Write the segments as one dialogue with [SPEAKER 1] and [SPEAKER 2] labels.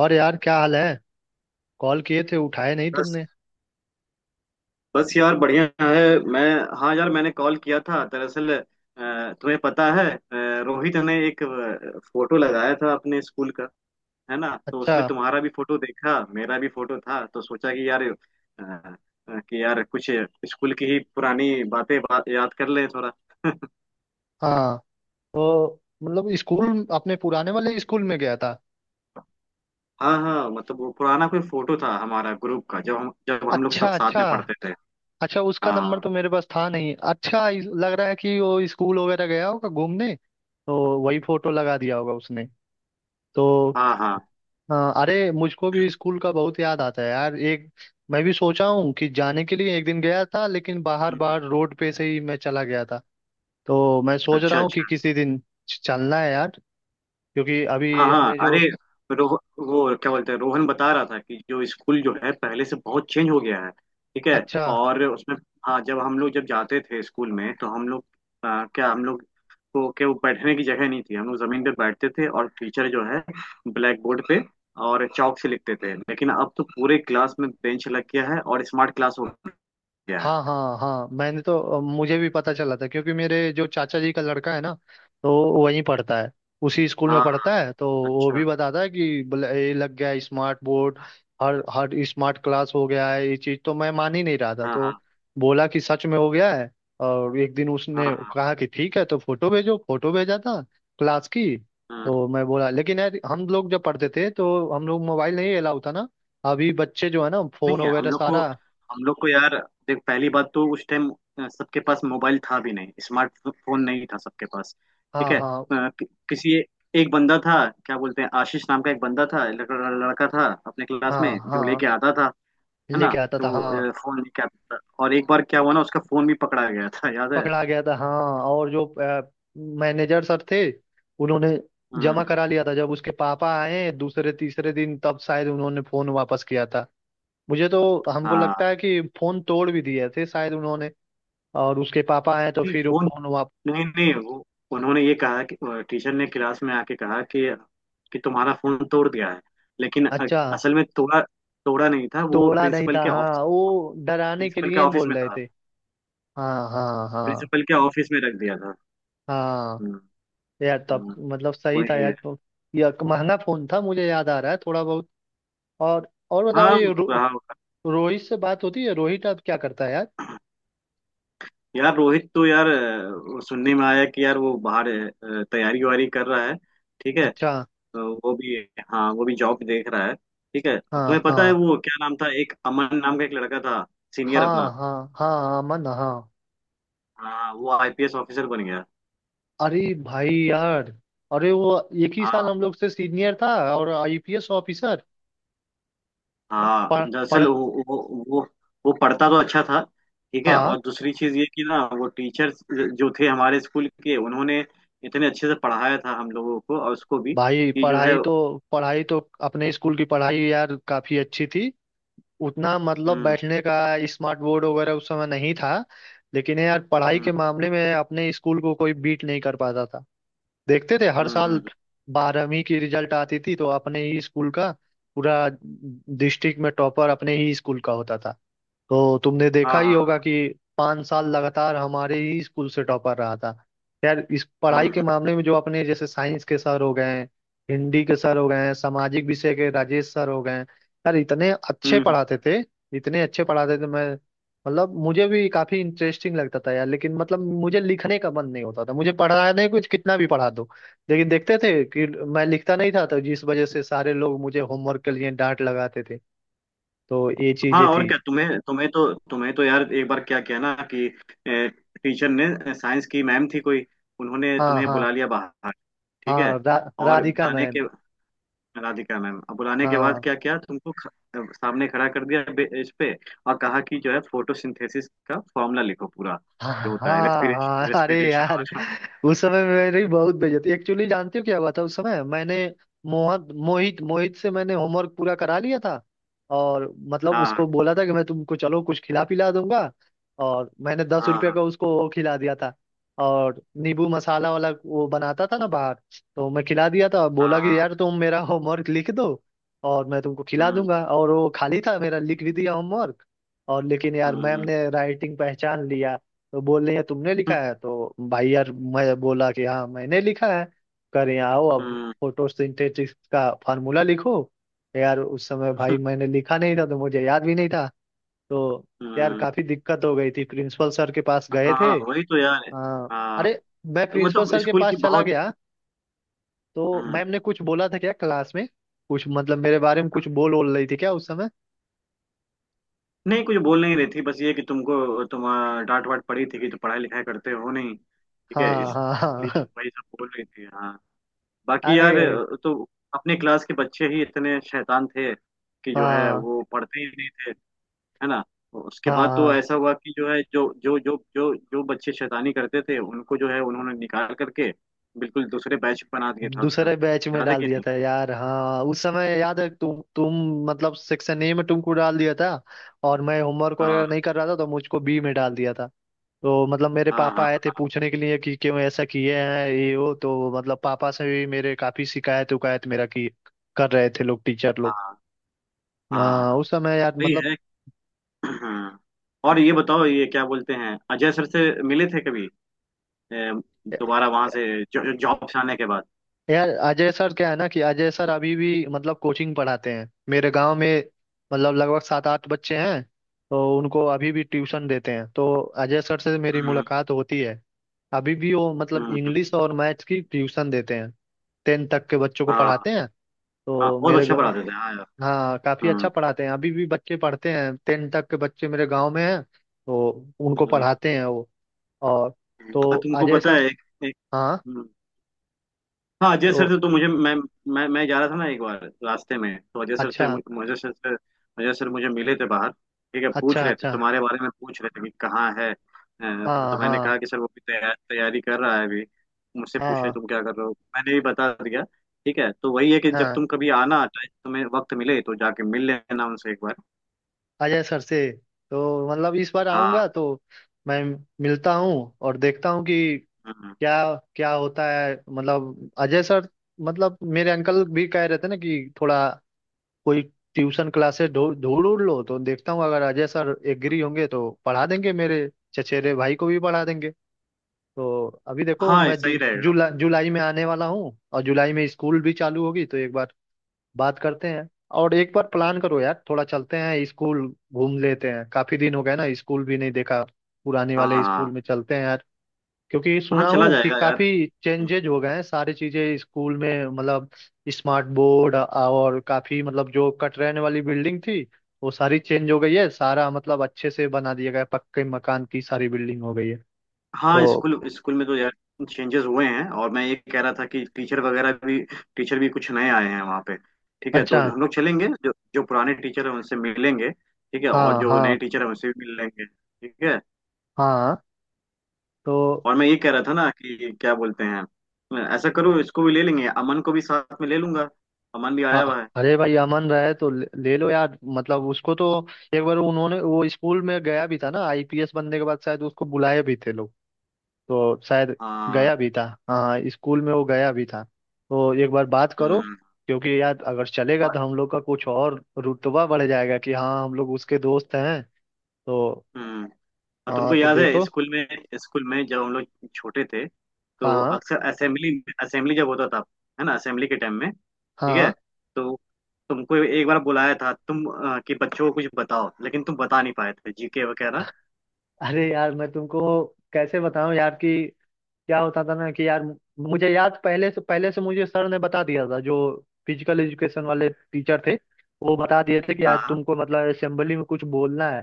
[SPEAKER 1] और यार क्या हाल है? कॉल किए थे उठाए नहीं
[SPEAKER 2] बस
[SPEAKER 1] तुमने।
[SPEAKER 2] बस यार, बढ़िया है मैं। हाँ यार, मैंने कॉल किया था दरअसल तुम्हें पता है, रोहित ने एक फोटो लगाया था अपने स्कूल का, है ना? तो
[SPEAKER 1] अच्छा।
[SPEAKER 2] उसमें तुम्हारा भी फोटो देखा, मेरा भी फोटो था, तो सोचा कि यार कि यार कुछ स्कूल की ही पुरानी बातें याद कर लें थोड़ा।
[SPEAKER 1] हाँ तो मतलब स्कूल अपने पुराने वाले स्कूल में गया था।
[SPEAKER 2] हाँ हाँ, मतलब वो पुराना कोई फोटो था हमारा ग्रुप का, जब हम लोग
[SPEAKER 1] अच्छा
[SPEAKER 2] सब साथ
[SPEAKER 1] अच्छा।
[SPEAKER 2] में पढ़ते थे।
[SPEAKER 1] अच्छा उसका नंबर
[SPEAKER 2] हाँ
[SPEAKER 1] तो मेरे पास था नहीं। अच्छा लग रहा है कि वो स्कूल वगैरह गया होगा घूमने तो वही फोटो लगा दिया होगा उसने। तो
[SPEAKER 2] हाँ हाँ।
[SPEAKER 1] हाँ अरे मुझको भी स्कूल का बहुत याद आता है यार। एक मैं भी सोचा हूँ कि जाने के लिए एक दिन गया था लेकिन बाहर
[SPEAKER 2] हम्म,
[SPEAKER 1] बाहर रोड पे से ही मैं चला गया था। तो मैं सोच
[SPEAKER 2] अच्छा
[SPEAKER 1] रहा हूँ
[SPEAKER 2] अच्छा।
[SPEAKER 1] कि किसी दिन चलना है यार। क्योंकि
[SPEAKER 2] हाँ
[SPEAKER 1] अभी
[SPEAKER 2] हाँ,
[SPEAKER 1] अपने जो
[SPEAKER 2] अरे रोह वो क्या बोलते हैं, रोहन बता रहा था कि जो स्कूल जो है पहले से बहुत चेंज हो गया है। ठीक है।
[SPEAKER 1] अच्छा
[SPEAKER 2] और उसमें हाँ, जब हम लोग जब जाते थे स्कूल में तो हम लोग, क्या हम लोग को क्या, वो बैठने की जगह नहीं थी, हम लोग जमीन पे बैठते थे और टीचर जो है ब्लैक बोर्ड पे और चौक से लिखते थे, लेकिन अब तो पूरे क्लास में बेंच लग गया है और स्मार्ट क्लास हो गया
[SPEAKER 1] हाँ
[SPEAKER 2] है।
[SPEAKER 1] हाँ हाँ मैंने तो मुझे भी पता चला था क्योंकि मेरे जो चाचा जी का लड़का है ना तो वो वहीं पढ़ता है। उसी स्कूल में
[SPEAKER 2] हाँ
[SPEAKER 1] पढ़ता है तो वो
[SPEAKER 2] अच्छा।
[SPEAKER 1] भी बताता है कि बोले, ये लग गया है स्मार्ट बोर्ड। हर हर स्मार्ट क्लास हो गया है। ये चीज़ तो मैं मान ही नहीं रहा था
[SPEAKER 2] हाँ
[SPEAKER 1] तो
[SPEAKER 2] हाँ
[SPEAKER 1] बोला कि सच में हो गया है। और एक दिन
[SPEAKER 2] हाँ
[SPEAKER 1] उसने
[SPEAKER 2] हाँ
[SPEAKER 1] कहा कि ठीक है तो फोटो भेजो। फोटो भेजा था क्लास की।
[SPEAKER 2] हाँ।
[SPEAKER 1] तो मैं बोला लेकिन यार हम लोग जब पढ़ते थे तो हम लोग मोबाइल नहीं अलाउ था ना। अभी बच्चे जो है ना फोन
[SPEAKER 2] नहीं है हम
[SPEAKER 1] वगैरह
[SPEAKER 2] लोग को
[SPEAKER 1] सारा।
[SPEAKER 2] हम लोग को यार, देख पहली बात तो उस टाइम सबके पास मोबाइल था भी नहीं, स्मार्टफोन नहीं था सबके पास। ठीक
[SPEAKER 1] हाँ
[SPEAKER 2] है
[SPEAKER 1] हाँ
[SPEAKER 2] किसी, एक बंदा था, क्या बोलते हैं, आशीष नाम का एक बंदा था, लड़का था अपने क्लास में
[SPEAKER 1] हाँ।
[SPEAKER 2] जो
[SPEAKER 1] हाँ
[SPEAKER 2] लेके आता था, है ना?
[SPEAKER 1] लेके आता था
[SPEAKER 2] जो
[SPEAKER 1] हाँ।
[SPEAKER 2] फोन लेके आता था, और एक बार क्या हुआ ना, उसका फोन भी पकड़ा गया था, याद है?
[SPEAKER 1] पकड़ा गया था हाँ। और जो मैनेजर सर थे उन्होंने जमा
[SPEAKER 2] हम्म।
[SPEAKER 1] करा लिया था। जब उसके पापा आए दूसरे तीसरे दिन तब शायद उन्होंने फोन वापस किया था। मुझे तो हमको
[SPEAKER 2] हाँ
[SPEAKER 1] लगता है कि फोन तोड़ भी दिए थे शायद उन्होंने। और उसके पापा आए तो
[SPEAKER 2] नहीं,
[SPEAKER 1] फिर वो
[SPEAKER 2] फोन
[SPEAKER 1] फोन वापस।
[SPEAKER 2] नहीं नहीं, वो उन्होंने ये कहा कि, टीचर ने क्लास में आके कहा कि तुम्हारा फोन तोड़ दिया है, लेकिन
[SPEAKER 1] अच्छा
[SPEAKER 2] असल में तोड़ा तोड़ा नहीं था वो,
[SPEAKER 1] तोड़ा नहीं
[SPEAKER 2] प्रिंसिपल
[SPEAKER 1] था
[SPEAKER 2] के ऑफिस,
[SPEAKER 1] हाँ वो डराने के
[SPEAKER 2] प्रिंसिपल के
[SPEAKER 1] लिए
[SPEAKER 2] ऑफिस
[SPEAKER 1] बोल
[SPEAKER 2] में
[SPEAKER 1] रहे
[SPEAKER 2] था,
[SPEAKER 1] थे। हाँ हाँ हाँ।
[SPEAKER 2] प्रिंसिपल के ऑफिस में रख दिया था।
[SPEAKER 1] हाँ
[SPEAKER 2] हम्म
[SPEAKER 1] यार तब
[SPEAKER 2] हम्म,
[SPEAKER 1] मतलब सही था
[SPEAKER 2] वही
[SPEAKER 1] यार
[SPEAKER 2] है।
[SPEAKER 1] तो यह महंगा फोन था मुझे याद आ रहा है थोड़ा बहुत। और बताओ
[SPEAKER 2] हाँ
[SPEAKER 1] ये
[SPEAKER 2] हाँ,
[SPEAKER 1] रोहित से बात होती है? रोहित अब क्या करता है यार?
[SPEAKER 2] यार रोहित तो यार वो सुनने में आया कि यार वो बाहर तैयारी वारी कर रहा है। ठीक है
[SPEAKER 1] अच्छा।
[SPEAKER 2] तो वो भी, हाँ वो भी जॉब देख रहा है। ठीक है, और तुम्हें
[SPEAKER 1] हाँ
[SPEAKER 2] पता है
[SPEAKER 1] हाँ।
[SPEAKER 2] वो क्या नाम था, एक अमन नाम का एक लड़का था सीनियर अपना,
[SPEAKER 1] हाँ हाँ हाँ अमन हाँ।
[SPEAKER 2] हाँ वो आईपीएस ऑफिसर बन गया।
[SPEAKER 1] अरे भाई यार अरे वो एक ही साल
[SPEAKER 2] हाँ
[SPEAKER 1] हम लोग से सीनियर था। और आईपीएस ऑफिसर।
[SPEAKER 2] हाँ,
[SPEAKER 1] पढ़
[SPEAKER 2] दरअसल
[SPEAKER 1] पढ़
[SPEAKER 2] वो पढ़ता तो अच्छा था। ठीक है,
[SPEAKER 1] हाँ।
[SPEAKER 2] और दूसरी चीज ये कि ना वो टीचर्स जो थे हमारे स्कूल के, उन्होंने इतने अच्छे से पढ़ाया था हम लोगों को और उसको भी
[SPEAKER 1] भाई
[SPEAKER 2] कि जो है।
[SPEAKER 1] पढ़ाई तो अपने स्कूल की पढ़ाई यार काफी अच्छी थी। उतना मतलब
[SPEAKER 2] हम्म
[SPEAKER 1] बैठने का स्मार्ट बोर्ड वगैरह उस समय नहीं था। लेकिन यार पढ़ाई के
[SPEAKER 2] हम्म
[SPEAKER 1] मामले में अपने स्कूल को कोई बीट नहीं कर पाता था। देखते थे हर
[SPEAKER 2] हम्म
[SPEAKER 1] साल
[SPEAKER 2] हम्म,
[SPEAKER 1] बारहवीं की रिजल्ट आती थी तो अपने ही स्कूल का पूरा डिस्ट्रिक्ट में टॉपर अपने ही स्कूल का होता था। तो तुमने देखा
[SPEAKER 2] हाँ
[SPEAKER 1] ही
[SPEAKER 2] हाँ
[SPEAKER 1] होगा कि 5 साल लगातार हमारे ही स्कूल से टॉपर रहा था। यार इस
[SPEAKER 2] हम्म
[SPEAKER 1] पढ़ाई के
[SPEAKER 2] हम्म
[SPEAKER 1] मामले में जो अपने जैसे साइंस के सर हो गए हैं, हिंदी के सर हो गए हैं, सामाजिक विषय के राजेश सर हो गए हैं, यार इतने
[SPEAKER 2] हम्म,
[SPEAKER 1] अच्छे
[SPEAKER 2] हम्म,
[SPEAKER 1] पढ़ाते थे। इतने अच्छे पढ़ाते थे। मैं मतलब मुझे भी काफी इंटरेस्टिंग लगता था यार। लेकिन मतलब मुझे लिखने का मन नहीं होता था। मुझे पढ़ाने कुछ कितना भी पढ़ा दो लेकिन देखते थे कि मैं लिखता नहीं था तो जिस वजह से सारे लोग मुझे होमवर्क के लिए डांट लगाते थे। तो ये
[SPEAKER 2] हाँ
[SPEAKER 1] चीजें
[SPEAKER 2] और
[SPEAKER 1] थी।
[SPEAKER 2] क्या, तुम्हें तुम्हें तो यार एक बार क्या किया ना कि ए, टीचर ने, साइंस की मैम थी कोई, उन्होंने
[SPEAKER 1] हाँ
[SPEAKER 2] तुम्हें
[SPEAKER 1] हाँ
[SPEAKER 2] बुला लिया बाहर। ठीक है,
[SPEAKER 1] हाँ
[SPEAKER 2] और
[SPEAKER 1] राधिका
[SPEAKER 2] बुलाने
[SPEAKER 1] मैम।
[SPEAKER 2] के, राधिका मैम, अब बुलाने के बाद
[SPEAKER 1] हाँ
[SPEAKER 2] क्या किया तुमको, सामने खड़ा कर दिया बेंच पे और कहा कि जो है फोटोसिंथेसिस का फॉर्मूला लिखो पूरा,
[SPEAKER 1] हाँ
[SPEAKER 2] जो होता है रेस्पिरेशन,
[SPEAKER 1] हाँ। अरे
[SPEAKER 2] रेस्पिरेशन
[SPEAKER 1] यार
[SPEAKER 2] वाला।
[SPEAKER 1] उस समय मेरी बहुत बेइज्जती। एक्चुअली जानती हो क्या हुआ था? उस समय मैंने मोहन मोहित मोहित से मैंने होमवर्क पूरा करा लिया था। और मतलब
[SPEAKER 2] हाँ
[SPEAKER 1] उसको बोला था कि मैं तुमको चलो कुछ खिला पिला दूंगा। और मैंने दस
[SPEAKER 2] हाँ
[SPEAKER 1] रुपये
[SPEAKER 2] हाँ
[SPEAKER 1] का उसको वो खिला दिया था। और नींबू मसाला वाला वो बनाता था ना बाहर। तो मैं खिला दिया था और बोला
[SPEAKER 2] हाँ हाँ
[SPEAKER 1] कि यार तुम मेरा होमवर्क लिख दो और मैं तुमको खिला
[SPEAKER 2] हम्म
[SPEAKER 1] दूंगा। और वो खाली था मेरा लिख भी दिया होमवर्क। और लेकिन यार मैम
[SPEAKER 2] हम्म
[SPEAKER 1] ने राइटिंग पहचान लिया। तो बोल रही है तुमने
[SPEAKER 2] हम्म
[SPEAKER 1] लिखा है तो भाई यार मैं बोला कि हाँ मैंने लिखा है। कर यहाँ आओ अब। फोटोसिंथेसिस का फार्मूला लिखो। यार उस समय
[SPEAKER 2] हम्म,
[SPEAKER 1] भाई मैंने लिखा नहीं था तो मुझे याद भी नहीं था। तो यार
[SPEAKER 2] हम्म,
[SPEAKER 1] काफी दिक्कत हो गई थी। प्रिंसिपल सर के पास गए थे
[SPEAKER 2] हाँ वही तो यार।
[SPEAKER 1] हाँ।
[SPEAKER 2] हाँ,
[SPEAKER 1] अरे मैं
[SPEAKER 2] तो
[SPEAKER 1] प्रिंसिपल
[SPEAKER 2] मतलब
[SPEAKER 1] सर के
[SPEAKER 2] स्कूल
[SPEAKER 1] पास
[SPEAKER 2] की
[SPEAKER 1] चला
[SPEAKER 2] बहुत।
[SPEAKER 1] गया। तो
[SPEAKER 2] हम्म,
[SPEAKER 1] मैम ने कुछ बोला था क्या क्लास में? कुछ मतलब मेरे बारे में
[SPEAKER 2] हाँ।
[SPEAKER 1] कुछ बोल बोल रही थी क्या उस समय?
[SPEAKER 2] नहीं, कुछ बोल नहीं रही थी, बस ये कि तुमको तुम डांट वाट पड़ी थी कि तुम पढ़ाई लिखाई करते हो नहीं, ठीक है,
[SPEAKER 1] हाँ हाँ
[SPEAKER 2] इसलिए
[SPEAKER 1] हाँ।
[SPEAKER 2] वही सब बोल रही थी, हाँ। बाकी यार,
[SPEAKER 1] अरे
[SPEAKER 2] तो अपने क्लास के बच्चे ही इतने शैतान थे कि जो है
[SPEAKER 1] हाँ
[SPEAKER 2] वो पढ़ते ही नहीं थे, है ना? उसके
[SPEAKER 1] हाँ
[SPEAKER 2] बाद तो
[SPEAKER 1] हाँ।
[SPEAKER 2] ऐसा हुआ कि जो है जो जो जो जो जो बच्चे शैतानी करते थे, उनको जो है उन्होंने निकाल करके बिल्कुल दूसरे बैच बना दिया था उसका,
[SPEAKER 1] दूसरे बैच में
[SPEAKER 2] याद है
[SPEAKER 1] डाल
[SPEAKER 2] कि
[SPEAKER 1] दिया
[SPEAKER 2] नहीं?
[SPEAKER 1] था यार हाँ। उस समय याद है तुम मतलब सेक्शन ए में तुमको डाल दिया था। और मैं होमवर्क
[SPEAKER 2] हाँ
[SPEAKER 1] वगैरह नहीं कर रहा था तो मुझको बी में डाल दिया था। तो मतलब मेरे
[SPEAKER 2] हाँ
[SPEAKER 1] पापा आए थे
[SPEAKER 2] हाँ
[SPEAKER 1] पूछने के लिए कि क्यों ऐसा किए हैं ये वो। तो मतलब पापा से भी मेरे काफी शिकायत उकायत मेरा की कर रहे थे लोग टीचर
[SPEAKER 2] हाँ
[SPEAKER 1] लोग।
[SPEAKER 2] हाँ
[SPEAKER 1] हाँ
[SPEAKER 2] हाँ,
[SPEAKER 1] उस समय यार
[SPEAKER 2] वही
[SPEAKER 1] मतलब।
[SPEAKER 2] है। हाँ। और ये बताओ, ये क्या बोलते हैं, अजय सर से मिले थे कभी अ, दोबारा, वहां से जॉब से आने के बाद?
[SPEAKER 1] यार अजय सर क्या है ना कि अजय सर अभी भी मतलब कोचिंग पढ़ाते हैं मेरे गांव में। मतलब लगभग 7 8 बच्चे हैं तो उनको अभी भी ट्यूशन देते हैं तो अजय सर से मेरी
[SPEAKER 2] हम्म
[SPEAKER 1] मुलाकात होती है। अभी भी वो
[SPEAKER 2] हम्म,
[SPEAKER 1] मतलब
[SPEAKER 2] हम्म,
[SPEAKER 1] इंग्लिश और मैथ्स की ट्यूशन देते हैं। टेंथ तक के बच्चों को
[SPEAKER 2] हाँ
[SPEAKER 1] पढ़ाते हैं।
[SPEAKER 2] हाँ,
[SPEAKER 1] तो
[SPEAKER 2] बहुत
[SPEAKER 1] मेरे
[SPEAKER 2] अच्छा पढ़ाते थे हाँ।
[SPEAKER 1] हाँ काफी अच्छा
[SPEAKER 2] हाँ
[SPEAKER 1] पढ़ाते हैं अभी भी। बच्चे पढ़ते हैं टेंथ तक के बच्चे मेरे गांव में हैं तो उनको
[SPEAKER 2] हाँ,
[SPEAKER 1] पढ़ाते हैं वो। और तो
[SPEAKER 2] और तुमको
[SPEAKER 1] अजय
[SPEAKER 2] पता
[SPEAKER 1] सर
[SPEAKER 2] है एक,
[SPEAKER 1] हाँ
[SPEAKER 2] हम्म, हाँ अजय
[SPEAKER 1] तो
[SPEAKER 2] सर से तो मुझे मैं जा रहा था ना एक बार रास्ते में, तो अजय सर से
[SPEAKER 1] अच्छा
[SPEAKER 2] मुझे सर से, अजय सर मुझे मिले थे बाहर। ठीक है, पूछ
[SPEAKER 1] अच्छा।
[SPEAKER 2] रहे थे,
[SPEAKER 1] अच्छा
[SPEAKER 2] तुम्हारे बारे में पूछ रहे थे कि कहाँ है तो
[SPEAKER 1] हाँ
[SPEAKER 2] मैंने
[SPEAKER 1] हाँ
[SPEAKER 2] कहा कि सर वो भी तैयारी कर रहा है अभी। मुझसे पूछ रहे
[SPEAKER 1] हाँ
[SPEAKER 2] तुम क्या कर रहे हो, मैंने भी बता दिया। ठीक है, तो वही है कि जब
[SPEAKER 1] हाँ
[SPEAKER 2] तुम कभी आना, टाइम तुम्हें वक्त मिले तो जाके मिल लेना उनसे एक बार।
[SPEAKER 1] अजय सर से तो मतलब इस बार
[SPEAKER 2] हाँ
[SPEAKER 1] आऊंगा तो मैं मिलता हूँ। और देखता हूँ कि
[SPEAKER 2] हम्म,
[SPEAKER 1] क्या क्या होता है मतलब अजय सर। मतलब मेरे अंकल भी कह रहे थे ना कि थोड़ा कोई ट्यूशन क्लासेस ढूंढ ढूंढ लो तो देखता हूँ अगर अजय सर
[SPEAKER 2] हम्म,
[SPEAKER 1] एग्री होंगे तो पढ़ा देंगे। मेरे चचेरे भाई को भी पढ़ा देंगे। तो अभी
[SPEAKER 2] हाँ
[SPEAKER 1] देखो
[SPEAKER 2] हाँ,
[SPEAKER 1] मैं
[SPEAKER 2] सही रहेगा।
[SPEAKER 1] जुलाई में आने वाला हूँ और जुलाई में स्कूल भी चालू होगी तो एक बार बात करते हैं। और एक बार प्लान करो यार थोड़ा चलते हैं स्कूल घूम लेते हैं। काफी दिन हो गए ना स्कूल भी नहीं देखा। पुराने
[SPEAKER 2] हाँ
[SPEAKER 1] वाले स्कूल
[SPEAKER 2] हाँ
[SPEAKER 1] में चलते हैं यार। क्योंकि
[SPEAKER 2] हाँ,
[SPEAKER 1] सुना
[SPEAKER 2] चला
[SPEAKER 1] हूँ कि
[SPEAKER 2] जाएगा यार।
[SPEAKER 1] काफी चेंजेज हो गए हैं सारी चीजें स्कूल में मतलब स्मार्ट बोर्ड और काफी मतलब जो कटरैन वाली बिल्डिंग थी वो सारी चेंज हो गई है। सारा मतलब अच्छे से बना दिया गया है, पक्के मकान की सारी बिल्डिंग हो गई है।
[SPEAKER 2] हाँ,
[SPEAKER 1] तो
[SPEAKER 2] स्कूल स्कूल में तो यार चेंजेस हुए हैं, और मैं ये कह रहा था कि टीचर वगैरह भी, टीचर भी कुछ नए आए हैं वहाँ पे, ठीक है,
[SPEAKER 1] अच्छा।
[SPEAKER 2] तो हम लोग चलेंगे, जो जो पुराने टीचर हैं उनसे मिलेंगे, ठीक है, और
[SPEAKER 1] हाँ
[SPEAKER 2] जो
[SPEAKER 1] हाँ
[SPEAKER 2] नए टीचर हैं उनसे भी मिल लेंगे, ठीक है।
[SPEAKER 1] हाँ। तो
[SPEAKER 2] और मैं ये कह रहा था ना कि क्या बोलते हैं, ऐसा करो, इसको भी ले लेंगे, अमन को भी साथ में ले लूंगा, अमन भी आया
[SPEAKER 1] हाँ,
[SPEAKER 2] हुआ है।
[SPEAKER 1] अरे भाई अमन रहे तो ले लो यार मतलब उसको तो एक बार उन्होंने वो स्कूल में गया भी था ना आईपीएस बनने के बाद शायद उसको बुलाए भी थे लोग। तो शायद
[SPEAKER 2] हाँ
[SPEAKER 1] गया भी था हाँ हाँ। स्कूल में वो गया भी था तो एक बार बात करो।
[SPEAKER 2] हम्म,
[SPEAKER 1] क्योंकि यार अगर चलेगा
[SPEAKER 2] और,
[SPEAKER 1] तो हम लोग का कुछ और रुतबा बढ़ जाएगा कि हाँ हम लोग उसके दोस्त हैं। तो
[SPEAKER 2] हम्म, और
[SPEAKER 1] हाँ
[SPEAKER 2] तुमको
[SPEAKER 1] तो
[SPEAKER 2] याद है
[SPEAKER 1] देखो
[SPEAKER 2] स्कूल में, स्कूल में जब हम लोग छोटे थे तो
[SPEAKER 1] हाँ
[SPEAKER 2] अक्सर असेंबली असेंबली जब होता था, है ना? असेंबली के टाइम में, ठीक है,
[SPEAKER 1] हाँ
[SPEAKER 2] तो तुमको एक बार बुलाया था, तुम कि बच्चों को कुछ बताओ, लेकिन तुम बता नहीं पाए थे जीके वगैरह।
[SPEAKER 1] अरे यार मैं तुमको कैसे बताऊं यार कि क्या होता था ना कि यार मुझे याद पहले से मुझे सर ने बता दिया था जो फिजिकल एजुकेशन वाले टीचर थे। वो बता दिए थे कि
[SPEAKER 2] हाँ
[SPEAKER 1] यार
[SPEAKER 2] हाँ
[SPEAKER 1] तुमको मतलब असेंबली में कुछ बोलना है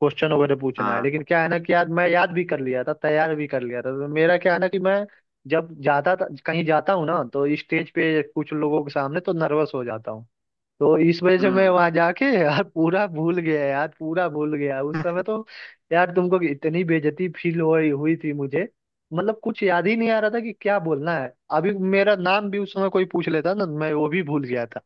[SPEAKER 1] क्वेश्चन वगैरह पूछना है।
[SPEAKER 2] हाँ,
[SPEAKER 1] लेकिन क्या है ना कि यार मैं याद भी कर लिया था तैयार भी कर लिया था तो मेरा क्या है ना कि मैं जब जाता था कहीं जाता हूँ ना तो स्टेज पे कुछ लोगों के सामने तो नर्वस हो जाता हूँ। तो इस वजह से मैं
[SPEAKER 2] हम्म।
[SPEAKER 1] वहां जाके यार पूरा भूल गया यार पूरा भूल गया उस समय तो। यार तुमको इतनी बेइज्जती फील हो हुई थी मुझे। मतलब कुछ याद ही नहीं आ रहा था कि क्या बोलना है। अभी मेरा नाम भी उस समय कोई पूछ लेता ना मैं वो भी भूल गया था।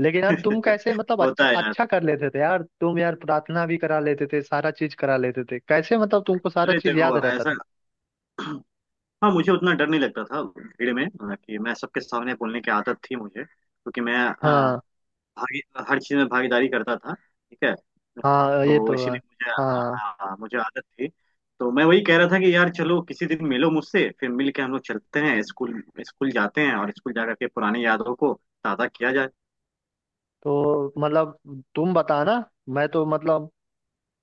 [SPEAKER 1] लेकिन यार तुम कैसे मतलब अच्छा
[SPEAKER 2] होता है यार।
[SPEAKER 1] अच्छा कर लेते थे यार तुम यार प्रार्थना भी करा लेते थे सारा चीज करा लेते थे कैसे मतलब तुमको सारा
[SPEAKER 2] अरे
[SPEAKER 1] चीज याद
[SPEAKER 2] देखो
[SPEAKER 1] रहता
[SPEAKER 2] ऐसा,
[SPEAKER 1] था।
[SPEAKER 2] हाँ मुझे उतना डर नहीं लगता था भीड़ में कि, मैं सबके सामने बोलने की आदत थी मुझे, क्योंकि मैं
[SPEAKER 1] हाँ
[SPEAKER 2] भागी हर चीज में भागीदारी करता था, ठीक है,
[SPEAKER 1] हाँ ये
[SPEAKER 2] तो
[SPEAKER 1] तो है।
[SPEAKER 2] इसीलिए मुझे,
[SPEAKER 1] हाँ
[SPEAKER 2] हाँ मुझे आदत थी। तो मैं वही कह रहा था कि यार चलो किसी दिन मिलो मुझसे, फिर मिल के हम लोग चलते हैं स्कूल, स्कूल जाते हैं और स्कूल जाकर के पुरानी यादों को ताज़ा किया जाए।
[SPEAKER 1] तो मतलब तुम बताना। मैं तो मतलब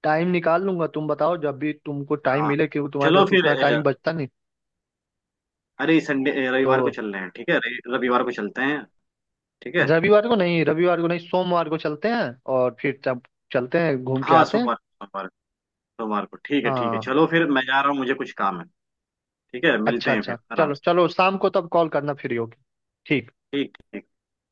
[SPEAKER 1] टाइम निकाल लूंगा। तुम बताओ जब भी तुमको टाइम
[SPEAKER 2] हाँ
[SPEAKER 1] मिले क्योंकि तुम्हारे
[SPEAKER 2] चलो
[SPEAKER 1] पास
[SPEAKER 2] फिर
[SPEAKER 1] उतना टाइम
[SPEAKER 2] अ,
[SPEAKER 1] बचता नहीं।
[SPEAKER 2] अरे संडे,
[SPEAKER 1] तो
[SPEAKER 2] रविवार को चल रहे हैं, ठीक है, रविवार को चलते हैं, ठीक है।
[SPEAKER 1] रविवार को नहीं सोमवार को चलते हैं। और फिर तब चलते हैं घूम के
[SPEAKER 2] हाँ
[SPEAKER 1] आते हैं।
[SPEAKER 2] सोमवार, सोमवार को, ठीक है, ठीक है,
[SPEAKER 1] हाँ
[SPEAKER 2] चलो फिर मैं जा रहा हूँ, मुझे कुछ काम है, ठीक है, मिलते
[SPEAKER 1] अच्छा
[SPEAKER 2] हैं
[SPEAKER 1] अच्छा
[SPEAKER 2] फिर आराम
[SPEAKER 1] चलो
[SPEAKER 2] से,
[SPEAKER 1] चलो शाम को तब कॉल करना फ्री होगी। ठीक।
[SPEAKER 2] ठीक ठीक।